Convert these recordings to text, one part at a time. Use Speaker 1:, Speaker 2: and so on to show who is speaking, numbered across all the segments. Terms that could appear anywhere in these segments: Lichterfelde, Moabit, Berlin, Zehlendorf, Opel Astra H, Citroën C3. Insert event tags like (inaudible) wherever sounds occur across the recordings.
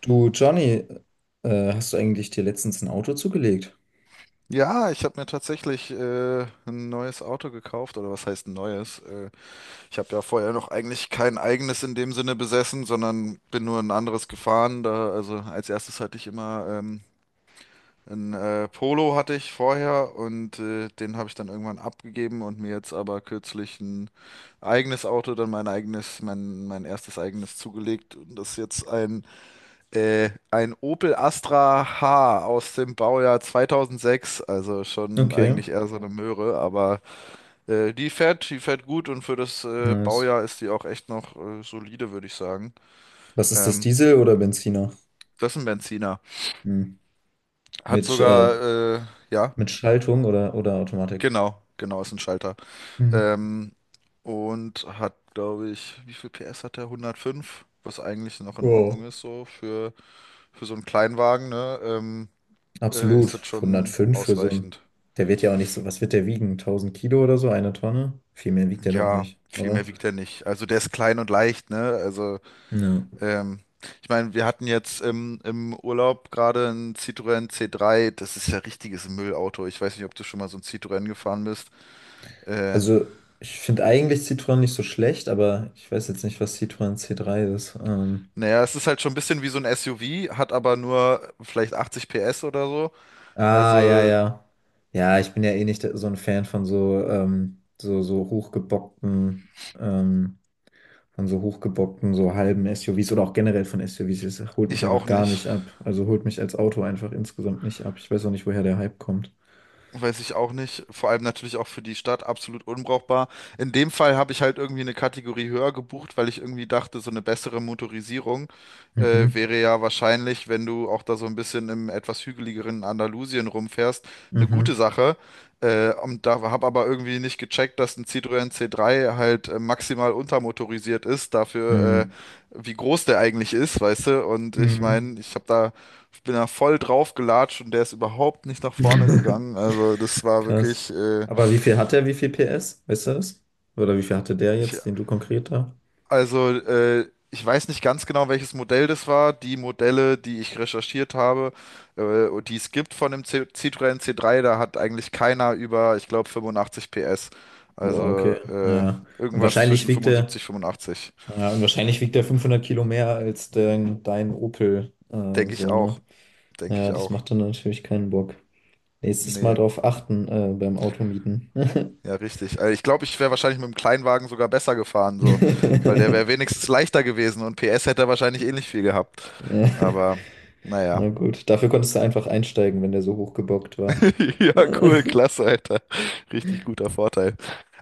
Speaker 1: Du, Johnny, hast du eigentlich dir letztens ein Auto zugelegt?
Speaker 2: Ja, ich habe mir tatsächlich ein neues Auto gekauft, oder was heißt ein neues? Ich habe ja vorher noch eigentlich kein eigenes in dem Sinne besessen, sondern bin nur ein anderes gefahren. Da, also als erstes hatte ich immer ein Polo hatte ich vorher und den habe ich dann irgendwann abgegeben und mir jetzt aber kürzlich ein eigenes Auto, dann mein eigenes, mein erstes eigenes zugelegt. Und das ist jetzt ein Opel Astra H aus dem Baujahr 2006, also schon
Speaker 1: Okay,
Speaker 2: eigentlich eher so eine Möhre, aber die fährt gut und für das
Speaker 1: nice.
Speaker 2: Baujahr ist die auch echt noch solide, würde ich sagen.
Speaker 1: Was ist das,
Speaker 2: Ähm,
Speaker 1: Diesel oder Benziner?
Speaker 2: Das ist ein Benziner.
Speaker 1: Hm.
Speaker 2: Hat
Speaker 1: Mit, äh,
Speaker 2: sogar, ja,
Speaker 1: mit Schaltung oder Automatik?
Speaker 2: genau, genau, ist ein Schalter.
Speaker 1: Hm.
Speaker 2: Ähm, und hat, glaube ich, wie viel PS hat der? 105, was eigentlich noch in Ordnung
Speaker 1: Wow.
Speaker 2: ist, so für so einen Kleinwagen, ne? Ist das
Speaker 1: Absolut.
Speaker 2: schon
Speaker 1: 105 für so ein.
Speaker 2: ausreichend.
Speaker 1: Der wird ja auch nicht so. Was wird der wiegen? 1000 Kilo oder so? Eine Tonne? Viel mehr wiegt der doch
Speaker 2: Ja,
Speaker 1: nicht,
Speaker 2: viel mehr
Speaker 1: oder?
Speaker 2: wiegt er nicht. Also der ist klein und leicht, ne? Also,
Speaker 1: Ja.
Speaker 2: ähm, ich meine, wir hatten jetzt im Urlaub gerade einen Citroën C3. Das ist ja richtiges Müllauto. Ich weiß nicht, ob du schon mal so ein Citroën gefahren bist. Äh,
Speaker 1: Also, ich finde eigentlich Citroën nicht so schlecht, aber ich weiß jetzt nicht, was Citroën C3 ist.
Speaker 2: naja, es ist halt schon ein bisschen wie so ein SUV, hat aber nur vielleicht 80 PS oder so.
Speaker 1: Ah, ja,
Speaker 2: Also
Speaker 1: ja. Ja, ich bin ja eh nicht so ein Fan von so hochgebockten, ähm, von so hochgebockten, so halben SUVs oder auch generell von SUVs. Es holt mich
Speaker 2: ich
Speaker 1: einfach
Speaker 2: auch
Speaker 1: gar
Speaker 2: nicht.
Speaker 1: nicht ab. Also holt mich als Auto einfach insgesamt nicht ab. Ich weiß auch nicht, woher der Hype kommt.
Speaker 2: Weiß ich auch nicht. Vor allem natürlich auch für die Stadt absolut unbrauchbar. In dem Fall habe ich halt irgendwie eine Kategorie höher gebucht, weil ich irgendwie dachte, so eine bessere Motorisierung
Speaker 1: Mhm.
Speaker 2: wäre ja wahrscheinlich, wenn du auch da so ein bisschen im etwas hügeligeren Andalusien rumfährst, eine gute
Speaker 1: Mhm.
Speaker 2: Sache. Und da habe aber irgendwie nicht gecheckt, dass ein Citroën C3 halt maximal untermotorisiert ist, dafür
Speaker 1: Mhm.
Speaker 2: wie groß der eigentlich ist, weißt du? Und ich
Speaker 1: Mhm.
Speaker 2: meine, ich bin da voll drauf gelatscht und der ist überhaupt nicht nach vorne
Speaker 1: (laughs)
Speaker 2: gegangen. Also das war
Speaker 1: Krass.
Speaker 2: wirklich,
Speaker 1: Aber wie viel hat der? Wie viel PS? Weißt du das? Oder wie viel hatte der
Speaker 2: ich,
Speaker 1: jetzt, den du konkret da?
Speaker 2: ich weiß nicht ganz genau, welches Modell das war. Die Modelle, die ich recherchiert habe, und die es gibt von dem C Citroën C3, da hat eigentlich keiner über, ich glaube, 85 PS.
Speaker 1: Boah, okay.
Speaker 2: Also
Speaker 1: Ja. Und
Speaker 2: irgendwas
Speaker 1: wahrscheinlich
Speaker 2: zwischen
Speaker 1: wiegt er.
Speaker 2: 75, 85.
Speaker 1: Ja, und wahrscheinlich wiegt der 500 Kilo mehr als dein Opel,
Speaker 2: Denke ich
Speaker 1: so,
Speaker 2: auch,
Speaker 1: ne?
Speaker 2: denke ich
Speaker 1: Ja, das
Speaker 2: auch.
Speaker 1: macht dann natürlich keinen Bock. Nächstes Mal
Speaker 2: Nee.
Speaker 1: drauf achten, beim Automieten. (laughs)
Speaker 2: Ja, richtig. Also ich glaube, ich wäre wahrscheinlich mit dem Kleinwagen sogar besser gefahren, so, weil der wäre
Speaker 1: (laughs)
Speaker 2: wenigstens leichter gewesen und PS hätte er wahrscheinlich ähnlich viel gehabt.
Speaker 1: Ja,
Speaker 2: Aber naja.
Speaker 1: na gut, dafür konntest du einfach einsteigen, wenn der so hochgebockt war.
Speaker 2: (laughs) Ja, cool,
Speaker 1: (laughs)
Speaker 2: klasse, Alter. Richtig guter Vorteil.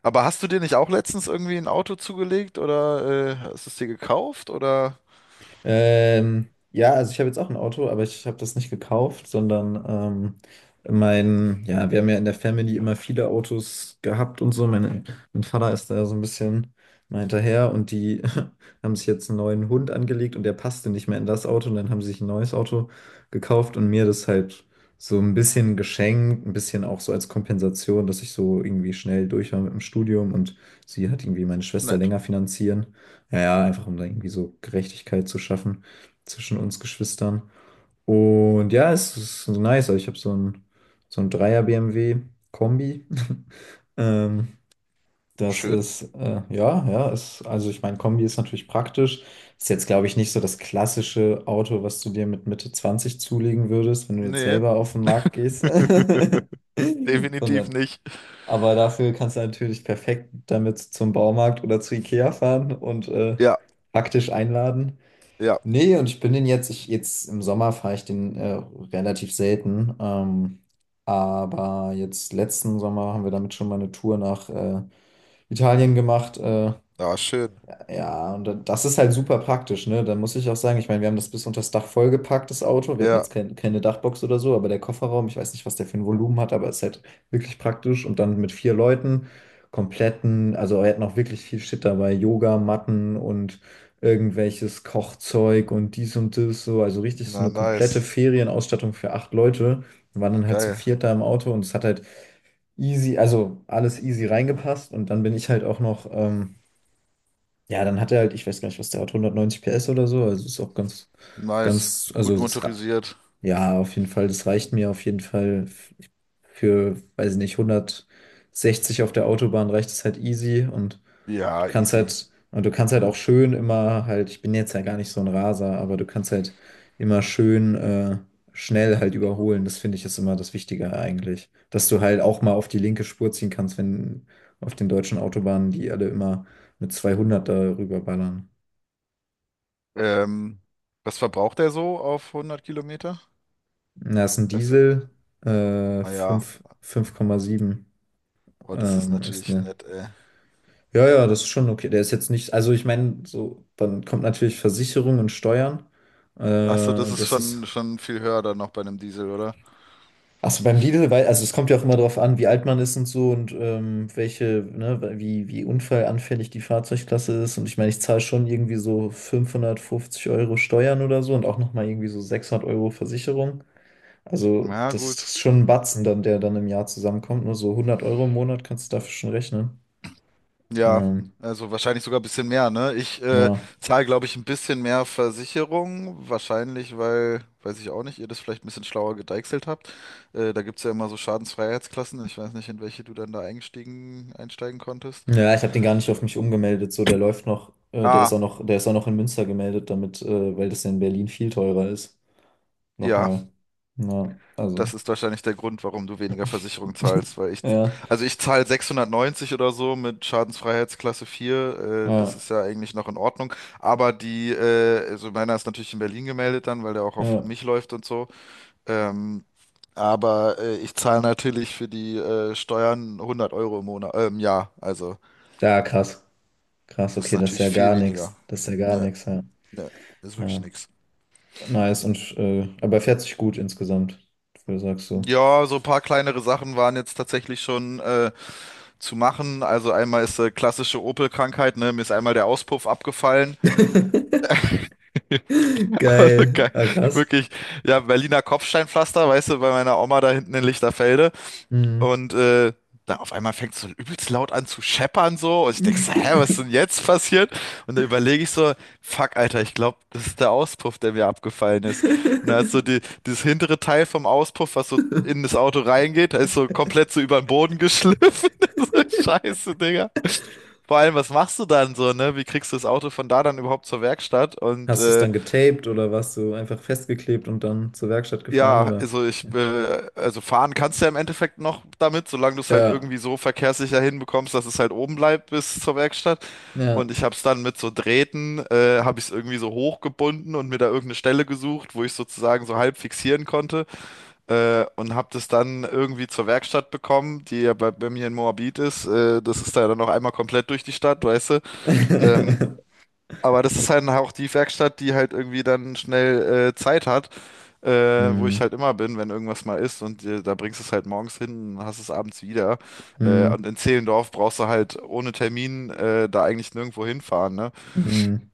Speaker 2: Aber hast du dir nicht auch letztens irgendwie ein Auto zugelegt oder hast du es dir gekauft oder?
Speaker 1: Ja, also ich habe jetzt auch ein Auto, aber ich habe das nicht gekauft, sondern ja, wir haben ja in der Family immer viele Autos gehabt und so. Mein Vater ist da so ein bisschen mal hinterher und die (laughs) haben sich jetzt einen neuen Hund angelegt und der passte nicht mehr in das Auto und dann haben sie sich ein neues Auto gekauft und mir das halt so ein bisschen geschenkt, ein bisschen auch so als Kompensation, dass ich so irgendwie schnell durch war mit dem Studium und sie hat irgendwie meine Schwester
Speaker 2: Nett.
Speaker 1: länger finanzieren. Ja, ja, einfach um da irgendwie so Gerechtigkeit zu schaffen zwischen uns Geschwistern. Und ja, es ist so nice. Also ich habe so ein Dreier-BMW-Kombi. (laughs) Ähm, das
Speaker 2: Schön.
Speaker 1: ist, ja, ja, ist, also ich meine, Kombi ist natürlich praktisch. Ist jetzt, glaube ich, nicht so das klassische Auto, was du dir mit Mitte 20 zulegen würdest, wenn du jetzt
Speaker 2: Nee,
Speaker 1: selber auf den Markt gehst. (laughs)
Speaker 2: (laughs) definitiv
Speaker 1: Sondern
Speaker 2: nicht.
Speaker 1: aber dafür kannst du natürlich perfekt damit zum Baumarkt oder zu Ikea fahren und
Speaker 2: Ja,
Speaker 1: praktisch einladen.
Speaker 2: ja.
Speaker 1: Nee, und ich bin den jetzt, ich, jetzt im Sommer fahre ich den relativ selten. Aber jetzt letzten Sommer haben wir damit schon mal eine Tour nach Italien gemacht.
Speaker 2: Ah, schön.
Speaker 1: Ja, und dann- das ist halt super praktisch, ne? Da muss ich auch sagen, ich meine, wir haben das bis unter das Dach vollgepackt, das Auto. Wir hatten
Speaker 2: Ja.
Speaker 1: jetzt keine Dachbox oder so, aber der Kofferraum, ich weiß nicht, was der für ein Volumen hat, aber ist halt wirklich praktisch. Und dann mit vier Leuten, kompletten, also wir hatten auch wirklich viel Shit dabei, Yoga, Matten und irgendwelches Kochzeug und dies und das, so. Also richtig so
Speaker 2: Na,
Speaker 1: eine komplette
Speaker 2: nice.
Speaker 1: Ferienausstattung für acht Leute. Wir waren dann halt zu
Speaker 2: Geil.
Speaker 1: viert da im Auto und es hat halt easy, also alles easy reingepasst. Und dann bin ich halt auch noch. Ja, dann hat er halt, ich weiß gar nicht, was der hat, 190 PS oder so. Also ist auch
Speaker 2: Nice. Gut
Speaker 1: also das Ra-
Speaker 2: motorisiert.
Speaker 1: ja, auf jeden Fall. Das reicht mir auf jeden Fall f- für, weiß ich nicht, 160 auf der Autobahn reicht es halt easy und du
Speaker 2: Ja,
Speaker 1: kannst
Speaker 2: easy.
Speaker 1: halt, und du kannst halt auch schön immer halt, ich bin jetzt ja gar nicht so ein Raser, aber du kannst halt immer schön schnell halt überholen. Das finde ich ist immer das Wichtige eigentlich. Dass du halt auch mal auf die linke Spur ziehen kannst, wenn auf den deutschen Autobahnen die alle immer mit 200 da rüberballern.
Speaker 2: Ähm, Was verbraucht er so auf 100 Kilometer?
Speaker 1: Na, ist ein
Speaker 2: Weißt du?
Speaker 1: Diesel,
Speaker 2: Ah ja,
Speaker 1: 5,7.
Speaker 2: boah, das ist
Speaker 1: Ist
Speaker 2: natürlich
Speaker 1: ne.
Speaker 2: nett, ey.
Speaker 1: Ja, ja, das ist schon okay. Der ist jetzt nicht, also ich meine, so, dann kommt natürlich Versicherung und Steuern.
Speaker 2: Ach so, das
Speaker 1: Äh,
Speaker 2: ist
Speaker 1: das ist.
Speaker 2: schon viel höher dann noch bei einem Diesel, oder?
Speaker 1: Achso, beim Lidl, weil, also es kommt ja auch immer darauf an, wie alt man ist und so und welche, ne, wie unfallanfällig die Fahrzeugklasse ist. Und ich meine, ich zahle schon irgendwie so 550€ Steuern oder so und auch nochmal irgendwie so 600€ Versicherung. Also
Speaker 2: Na
Speaker 1: das
Speaker 2: gut.
Speaker 1: ist schon ein Batzen dann, der dann im Jahr zusammenkommt. Nur so 100€ im Monat kannst du dafür schon rechnen.
Speaker 2: Ja,
Speaker 1: Ähm,
Speaker 2: also wahrscheinlich sogar ein bisschen mehr, ne? Ich
Speaker 1: ja.
Speaker 2: zahle, glaube ich, ein bisschen mehr Versicherung. Wahrscheinlich, weil, weiß ich auch nicht, ihr das vielleicht ein bisschen schlauer gedeichselt habt. Da gibt es ja immer so Schadensfreiheitsklassen. Ich weiß nicht, in welche du dann da einsteigen konntest.
Speaker 1: Ja, ich habe den gar nicht auf mich umgemeldet. So, der läuft noch, der ist auch
Speaker 2: Ah,
Speaker 1: noch, der ist auch noch in Münster gemeldet, damit, weil das ja in Berlin viel teurer ist.
Speaker 2: ja.
Speaker 1: Nochmal. Ja,
Speaker 2: Das
Speaker 1: also.
Speaker 2: ist wahrscheinlich der Grund, warum du weniger Versicherung zahlst, weil ich,
Speaker 1: Ja,
Speaker 2: also ich zahle 690 oder so mit Schadensfreiheitsklasse 4. Das
Speaker 1: ja,
Speaker 2: ist ja eigentlich noch in Ordnung, aber also meiner ist natürlich in Berlin gemeldet dann, weil der auch auf
Speaker 1: ja.
Speaker 2: mich läuft und so, ähm, ich zahle natürlich für die Steuern 100 € im Monat, im Jahr, also
Speaker 1: Ja, krass. Krass,
Speaker 2: das ist
Speaker 1: okay, das ist
Speaker 2: natürlich
Speaker 1: ja
Speaker 2: viel
Speaker 1: gar
Speaker 2: weniger.
Speaker 1: nichts. Das ist ja gar
Speaker 2: Nö,
Speaker 1: nichts, ja.
Speaker 2: nö, ist wirklich
Speaker 1: Ja.
Speaker 2: nix.
Speaker 1: Nice und aber er fährt sich gut insgesamt, für- sagst du.
Speaker 2: Ja, so ein paar kleinere Sachen waren jetzt tatsächlich schon, zu machen. Also einmal ist klassische Opel-Krankheit, ne? Mir ist einmal der Auspuff abgefallen.
Speaker 1: (laughs)
Speaker 2: (laughs) Also
Speaker 1: Geil.
Speaker 2: geil,
Speaker 1: Ah, krass.
Speaker 2: wirklich, ja, Berliner Kopfsteinpflaster, weißt du, bei meiner Oma da hinten in Lichterfelde.
Speaker 1: Mhm.
Speaker 2: Und dann auf einmal fängt es so übelst laut an zu scheppern so. Und ich denk so, hä, was ist denn jetzt passiert? Und dann überlege ich so, fuck, Alter, ich glaube, das ist der Auspuff, der mir abgefallen ist. Und da ist so
Speaker 1: (laughs)
Speaker 2: dieses hintere Teil vom Auspuff, was so in das Auto reingeht, da ist so komplett so über den Boden geschliffen. (laughs) So, Scheiße, Digga. Vor allem, was machst du dann so, ne? Wie kriegst du das Auto von da dann überhaupt zur Werkstatt?
Speaker 1: Hast du es dann getaped oder warst du einfach festgeklebt und dann zur Werkstatt gefahren
Speaker 2: Ja,
Speaker 1: oder?
Speaker 2: also fahren kannst du ja im Endeffekt noch damit, solange du es halt
Speaker 1: Ja,
Speaker 2: irgendwie so verkehrssicher hinbekommst, dass es halt oben bleibt bis zur Werkstatt.
Speaker 1: ja.
Speaker 2: Und ich habe es dann mit so Drähten, habe ich es irgendwie so hochgebunden und mir da irgendeine Stelle gesucht, wo ich sozusagen so halb fixieren konnte. Und habe das dann irgendwie zur Werkstatt bekommen, die ja bei mir in Moabit ist. Das ist da ja dann noch einmal komplett durch die Stadt, weißt du. Ähm,
Speaker 1: (laughs)
Speaker 2: aber das ist halt auch die Werkstatt, die halt irgendwie dann schnell Zeit hat wo ich
Speaker 1: Hm,
Speaker 2: halt immer bin, wenn irgendwas mal ist und da bringst du es halt morgens hin und hast es abends wieder. Und
Speaker 1: hm,
Speaker 2: in Zehlendorf brauchst du halt ohne Termin da eigentlich nirgendwo hinfahren, ne?
Speaker 1: hm.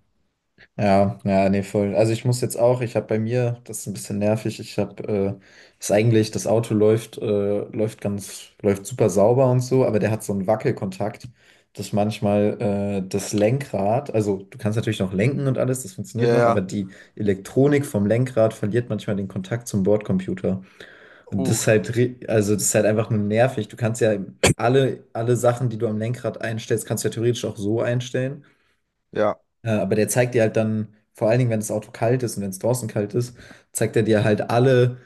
Speaker 1: Ja, ja, nee, voll. Also ich muss jetzt auch, ich habe bei mir, das ist ein bisschen nervig, ich habe, ist eigentlich, das Auto läuft, läuft super sauber und so, aber der hat so einen Wackelkontakt, dass manchmal, das Lenkrad, also du kannst natürlich noch lenken und alles, das
Speaker 2: Ja,
Speaker 1: funktioniert noch, aber
Speaker 2: ja.
Speaker 1: die Elektronik vom Lenkrad verliert manchmal den Kontakt zum Bordcomputer. Und das
Speaker 2: uh,
Speaker 1: ist halt, ri- also das ist halt einfach nur nervig. Du kannst ja alle Sachen, die du am Lenkrad einstellst, kannst du ja theoretisch auch so einstellen.
Speaker 2: ja,
Speaker 1: Aber der zeigt dir halt dann, vor allen Dingen, wenn das Auto kalt ist und wenn es draußen kalt ist, zeigt er dir halt alle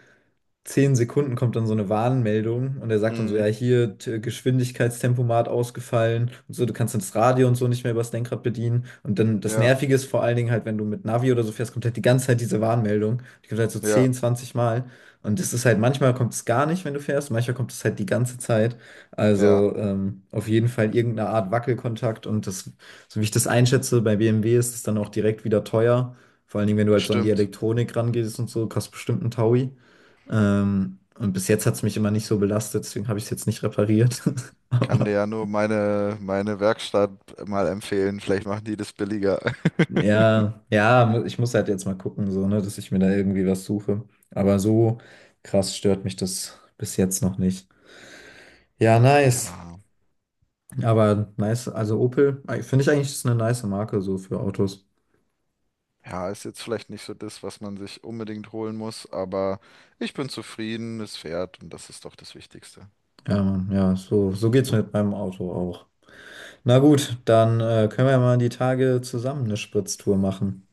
Speaker 1: 10 Sekunden kommt dann so eine Warnmeldung und er sagt dann so, ja,
Speaker 2: mhm,
Speaker 1: hier t- Geschwindigkeitstempomat ausgefallen und so, du kannst dann das Radio und so nicht mehr übers Lenkrad bedienen. Und dann das
Speaker 2: ja,
Speaker 1: Nervige ist vor allen Dingen halt, wenn du mit Navi oder so fährst, kommt halt die ganze Zeit diese Warnmeldung. Die kommt halt so
Speaker 2: ja,
Speaker 1: 10, 20 Mal. Und das ist halt, manchmal kommt es gar nicht, wenn du fährst, manchmal kommt es halt die ganze Zeit.
Speaker 2: ja,
Speaker 1: Also auf jeden Fall irgendeine Art Wackelkontakt. Und das, so wie ich das einschätze, bei BMW ist es dann auch direkt wieder teuer. Vor allen Dingen, wenn du halt so an die
Speaker 2: bestimmt.
Speaker 1: Elektronik rangehst und so, kostet bestimmt ein Taui. Und bis jetzt hat es mich immer nicht so belastet, deswegen habe ich es jetzt nicht repariert. (laughs)
Speaker 2: Kann dir
Speaker 1: Aber
Speaker 2: ja nur meine Werkstatt mal empfehlen. Vielleicht machen die das billiger. (laughs)
Speaker 1: ja, ja, mu- ich muss halt jetzt mal gucken, so, ne, dass ich mir da irgendwie was suche. Aber so krass stört mich das bis jetzt noch nicht. Ja, nice.
Speaker 2: Ja,
Speaker 1: Aber nice, also Opel, finde ich eigentlich, ist eine nice Marke so für Autos.
Speaker 2: ja, ist jetzt vielleicht nicht so das, was man sich unbedingt holen muss, aber ich bin zufrieden, es fährt und das ist doch das Wichtigste.
Speaker 1: Ja, Mann, ja, so, so geht's mit meinem Auto auch. Na gut, dann können wir ja mal die Tage zusammen eine Spritztour machen.